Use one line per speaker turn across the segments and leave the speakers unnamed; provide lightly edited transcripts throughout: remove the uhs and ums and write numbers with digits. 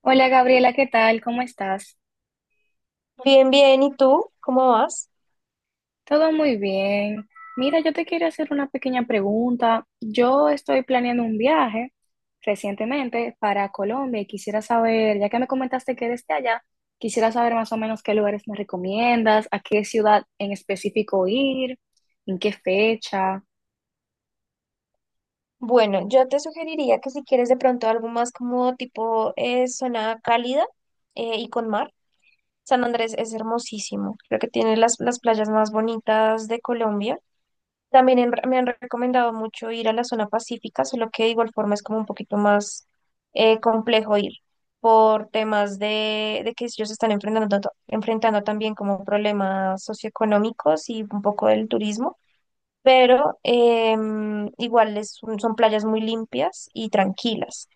Hola Gabriela, ¿qué tal? ¿Cómo estás?
Bien, bien, ¿y tú? ¿Cómo vas?
Todo muy bien. Mira, yo te quiero hacer una pequeña pregunta. Yo estoy planeando un viaje recientemente para Colombia y quisiera saber, ya que me comentaste que eres de allá, quisiera saber más o menos qué lugares me recomiendas, a qué ciudad en específico ir, en qué fecha.
Bueno, yo te sugeriría que si quieres de pronto algo más como tipo zona cálida y con mar, San Andrés es hermosísimo, creo que tiene las playas más bonitas de Colombia. También me han recomendado mucho ir a la zona pacífica, solo que de igual forma es como un poquito más complejo ir por temas de que ellos están enfrentando, enfrentando también como problemas socioeconómicos y un poco del turismo. Pero igual es son playas muy limpias y tranquilas.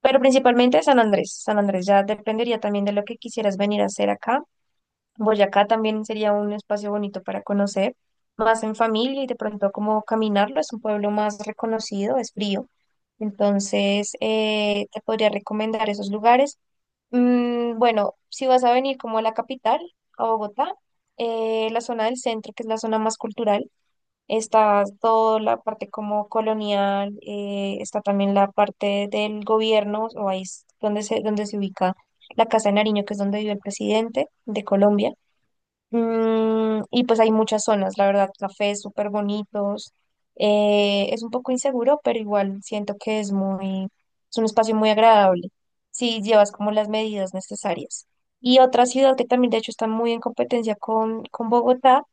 Pero principalmente San Andrés. San Andrés ya dependería también de lo que quisieras venir a hacer acá. Boyacá también sería un espacio bonito para conocer, más en familia y de pronto como caminarlo. Es un pueblo más reconocido, es frío. Entonces, te podría recomendar esos lugares. Bueno, si vas a venir como a la capital, a Bogotá, la zona del centro, que es la zona más cultural, está toda la parte como colonial, está también la parte del gobierno, o ahí es donde donde se ubica la Casa de Nariño, que es donde vive el presidente de Colombia. Y pues hay muchas zonas, la verdad, cafés súper bonitos. Es un poco inseguro, pero igual siento que es un espacio muy agradable si llevas como las medidas necesarias. Y otra ciudad que también de hecho está muy en competencia con Bogotá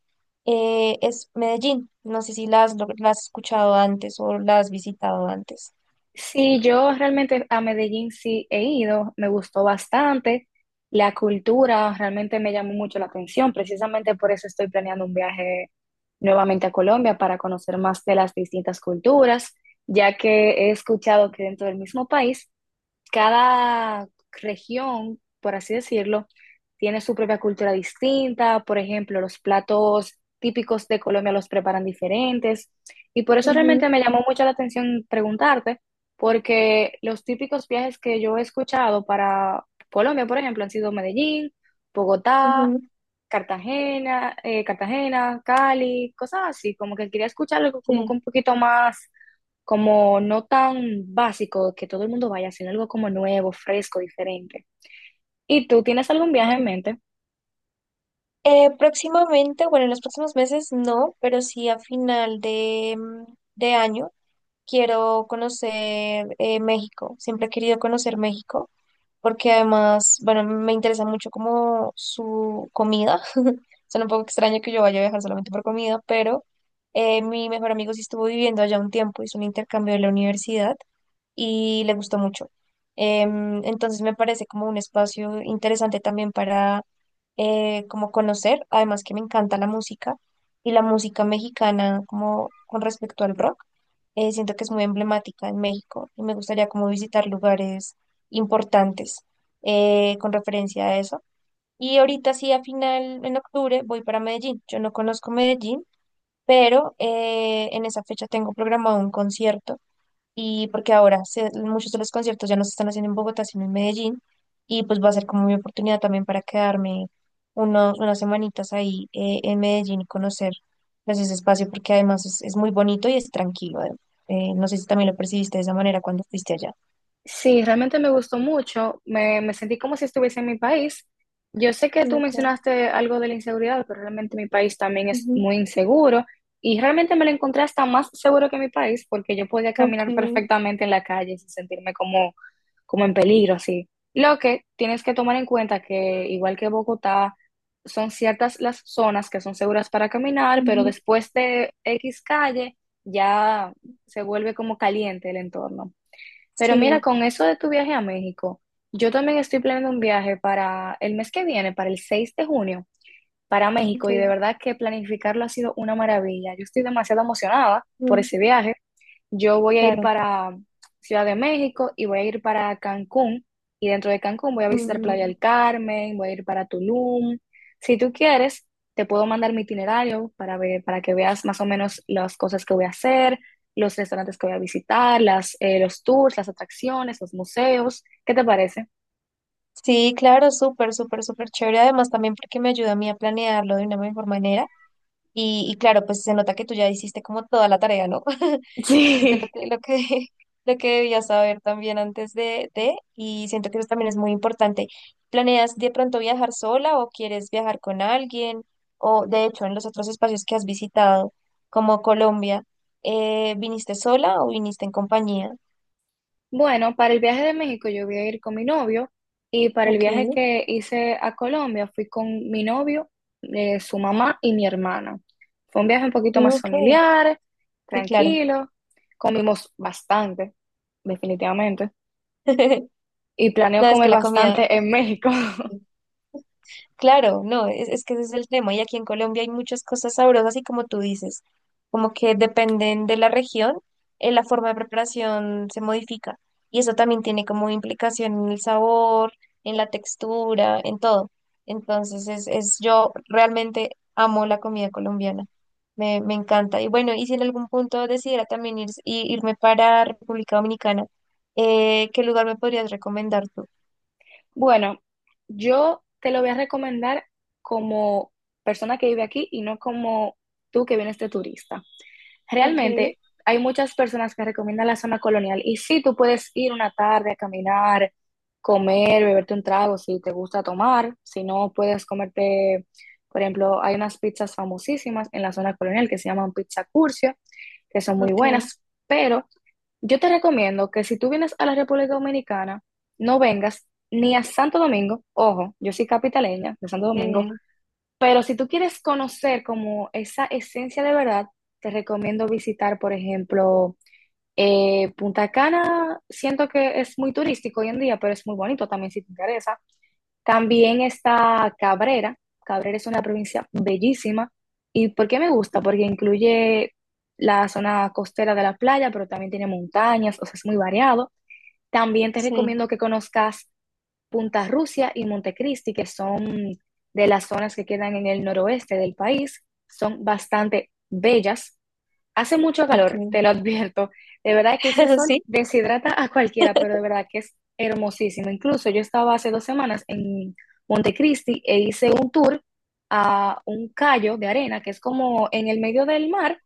es Medellín. No sé si la has escuchado antes o la has visitado antes.
Sí, yo realmente a Medellín sí he ido, me gustó bastante. La cultura realmente me llamó mucho la atención, precisamente por eso estoy planeando un viaje nuevamente a Colombia para conocer más de las distintas culturas, ya que he escuchado que dentro del mismo país cada región, por así decirlo, tiene su propia cultura distinta. Por ejemplo, los platos típicos de Colombia los preparan diferentes. Y por eso
Ujú,
realmente me llamó mucho la atención preguntarte, porque los típicos viajes que yo he escuchado para Colombia, por ejemplo, han sido Medellín, Bogotá,
ujú,
Cartagena, Cali, cosas así, como que quería escuchar algo como que
sí.
un poquito más como no tan básico que todo el mundo vaya, sino algo como nuevo, fresco, diferente. ¿Y tú tienes algún viaje en
Ok.
mente?
Próximamente, bueno, en los próximos meses no, pero sí a final de, de año quiero conocer México. Siempre he querido conocer México porque además, bueno, me interesa mucho como su comida. Suena un poco extraño que yo vaya a viajar solamente por comida, pero mi mejor amigo sí estuvo viviendo allá un tiempo, hizo un intercambio de la universidad y le gustó mucho. Entonces me parece como un espacio interesante también para como conocer, además que me encanta la música y la música mexicana como con respecto al rock, siento que es muy emblemática en México y me gustaría como visitar lugares importantes con referencia a eso. Y ahorita sí, a final, en octubre, voy para Medellín. Yo no conozco Medellín, pero en esa fecha tengo programado un concierto y porque ahora muchos de los conciertos ya no se están haciendo en Bogotá, sino en Medellín. Y pues va a ser como mi oportunidad también para quedarme unas semanitas ahí en Medellín y conocer pues, ese espacio porque además es muy bonito y es tranquilo. No sé si también lo percibiste de esa manera cuando fuiste allá.
Sí, realmente me gustó mucho. Me sentí como si estuviese en mi país. Yo sé que tú
Okay.
mencionaste algo de la inseguridad, pero realmente mi país también es
Ujú,
muy inseguro y realmente me lo encontré hasta más seguro que mi país porque yo podía
ok.
caminar perfectamente en la calle sin sentirme como, como en peligro, así. Lo que tienes que tomar en cuenta que igual que Bogotá, son ciertas las zonas que son seguras para caminar, pero
Ujú,
después de X calle ya se vuelve como caliente el entorno. Pero mira,
sí,
con eso de tu viaje a México, yo también estoy planeando un viaje para el mes que viene, para el 6 de junio, para México,
ok,
y de verdad que planificarlo ha sido una maravilla. Yo estoy demasiado emocionada por
mm,
ese viaje. Yo voy a ir
claro.
para Ciudad de México y voy a ir para Cancún. Y dentro de Cancún voy a visitar Playa
Mm,
del Carmen, voy a ir para Tulum. Si tú quieres, te puedo mandar mi itinerario para ver, para que veas más o menos las cosas que voy a hacer, los restaurantes que voy a visitar, los tours, las atracciones, los museos. ¿Qué te parece?
sí, claro, súper, súper, súper chévere. Además, también porque me ayuda a mí a planearlo de una mejor manera. Y claro, pues se nota que tú ya hiciste como toda la tarea, ¿no? Hiciste
Sí.
lo que debías saber también antes y siento que eso también es muy importante. ¿Planeas de pronto viajar sola o quieres viajar con alguien? O de hecho, en los otros espacios que has visitado, como Colombia, ¿viniste sola o viniste en compañía?
Bueno, para el viaje de México yo voy a ir con mi novio y para el
Ok,
viaje que hice a Colombia fui con mi novio, su mamá y mi hermana. Fue un viaje un poquito más
ok,
familiar,
sí, claro.
tranquilo, comimos bastante, definitivamente, y planeo
No, es que
comer
la comida,
bastante en México.
claro, no, es que ese es el tema. Y aquí en Colombia hay muchas cosas sabrosas y como tú dices, como que dependen de la región, la forma de preparación se modifica. Y eso también tiene como implicación en el sabor, en la textura, en todo. Entonces, yo realmente amo la comida colombiana. Me encanta. Y bueno, y si en algún punto decidiera también irme para República Dominicana, ¿qué lugar me podrías recomendar tú?
Bueno, yo te lo voy a recomendar como persona que vive aquí y no como tú que vienes de turista.
Ok,
Realmente hay muchas personas que recomiendan la zona colonial y sí, tú puedes ir una tarde a caminar, comer, beberte un trago si te gusta tomar, si no puedes comerte, por ejemplo, hay unas pizzas famosísimas en la zona colonial que se llaman pizza curcio, que son muy
ok,
buenas, pero yo te recomiendo que si tú vienes a la República Dominicana, no vengas ni a Santo Domingo, ojo, yo soy capitaleña de Santo Domingo,
eh,
pero si tú quieres conocer como esa esencia de verdad, te recomiendo visitar, por ejemplo, Punta Cana. Siento que es muy turístico hoy en día, pero es muy bonito también si te interesa. También está Cabrera. Cabrera es una provincia bellísima. ¿Y por qué me gusta? Porque incluye la zona costera de la playa, pero también tiene montañas, o sea, es muy variado. También te
sí.
recomiendo que conozcas Punta Rusia y Montecristi, que son de las zonas que quedan en el noroeste del país, son bastante bellas. Hace mucho calor,
Ok.
te lo advierto. De verdad que ese sol
Sí,
deshidrata a cualquiera, pero de verdad que es hermosísimo. Incluso yo estaba hace dos semanas en Montecristi e hice un tour a un callo de arena, que es como en el medio del mar,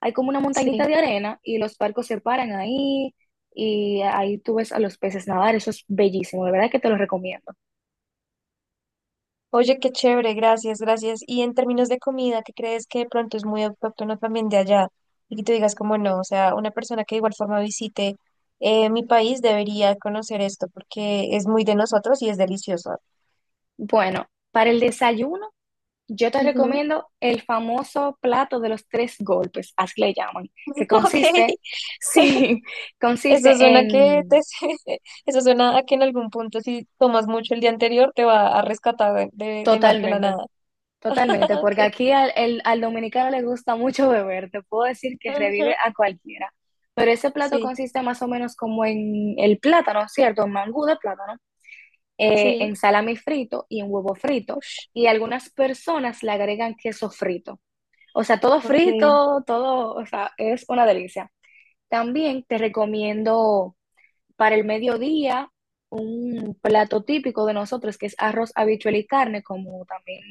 hay como una montañita de
sí.
arena y los barcos se paran ahí y ahí tú ves a los peces nadar. Eso es bellísimo, de verdad que te lo recomiendo.
Oye, qué chévere, gracias, gracias. Y en términos de comida, ¿qué crees que de pronto es muy autóctono también de allá? Y que tú digas como no, o sea, una persona que de igual forma visite mi país debería conocer esto porque es muy de nosotros y es delicioso.
Bueno, para el desayuno, yo te
Ujú.
recomiendo el famoso plato de los tres golpes, así le llaman, que
Ok,
consiste, sí, consiste
eso suena que
en
eso suena a que en algún punto si tomas mucho el día anterior te va a rescatar de la
totalmente,
nada.
totalmente,
Ok,
porque aquí al dominicano le gusta mucho beber, te puedo decir que
ajá.
revive a cualquiera, pero ese plato
Sí,
consiste más o menos como en el plátano, ¿cierto? Un mangú de plátano,
sí,
en salami frito y en huevo frito,
ush,
y algunas personas le agregan queso frito. O sea, todo
ok,
frito, todo, o sea, es una delicia. También te recomiendo para el mediodía un plato típico de nosotros que es arroz, habichuela y carne, como también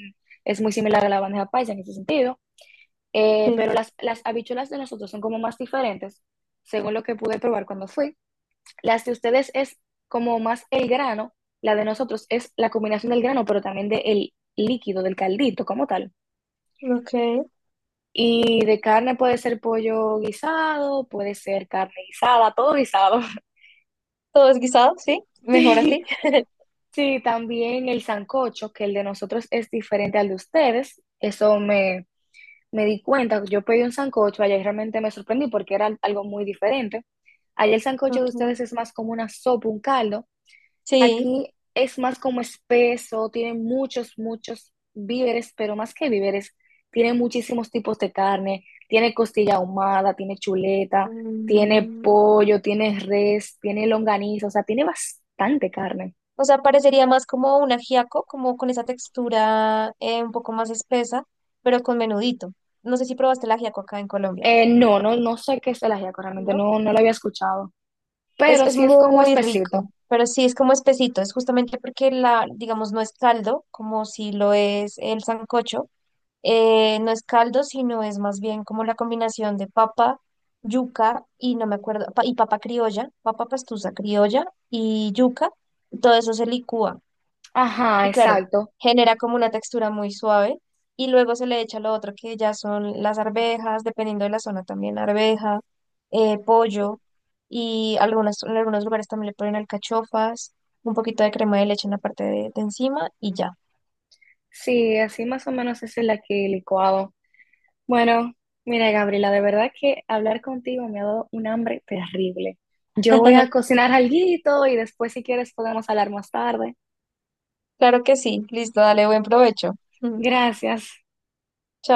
es muy similar a la bandeja paisa en ese sentido.
sí.
Pero las habichuelas de nosotros son como más diferentes, según lo que pude probar cuando fui. Las de ustedes es como más el grano, la de nosotros es la combinación del grano, pero también del líquido, del caldito como tal.
Ok.
Y de carne puede ser pollo guisado, puede ser carne guisada, todo guisado.
Todo es guisado, sí. Mejor
Sí,
así.
sí, también el sancocho, que el de nosotros es diferente al de ustedes. Eso me di cuenta. Yo pedí un sancocho allá y realmente me sorprendí porque era algo muy diferente. Allá el sancocho de
Ok.
ustedes es más como una sopa, un caldo.
Sí.
Aquí es más como espeso, tiene muchos víveres, pero más que víveres, tiene muchísimos tipos de carne, tiene costilla ahumada, tiene chuleta, tiene
Mm,
pollo, tiene res, tiene longaniza, o sea, tiene bastante carne.
o sea, parecería más como un ajiaco, como con esa textura un poco más espesa, pero con menudito. No sé si probaste el ajiaco acá en Colombia,
No, no sé qué es el ajiaco, realmente
¿no?
no, no lo había escuchado, pero
Es
sí es como
muy rico,
espesito.
pero sí es como espesito. Es justamente porque la, digamos, no es caldo, como si lo es el sancocho, no es caldo, sino es más bien como la combinación de papa, yuca y no me acuerdo, y papa criolla, papa pastusa criolla y yuca. Todo eso se licúa
Ajá,
y claro,
exacto.
genera como una textura muy suave y luego se le echa lo otro que ya son las arvejas, dependiendo de la zona también, arveja, pollo y algunas, en algunos lugares también le ponen alcachofas, un poquito de crema de leche en la parte de encima y ya.
Sí, así más o menos es el aquí licuado. Bueno, mira, Gabriela, de verdad que hablar contigo me ha dado un hambre terrible. Yo voy a cocinar alguito y después, si quieres, podemos hablar más tarde.
Claro que sí, listo, dale buen provecho.
Gracias.
Chao.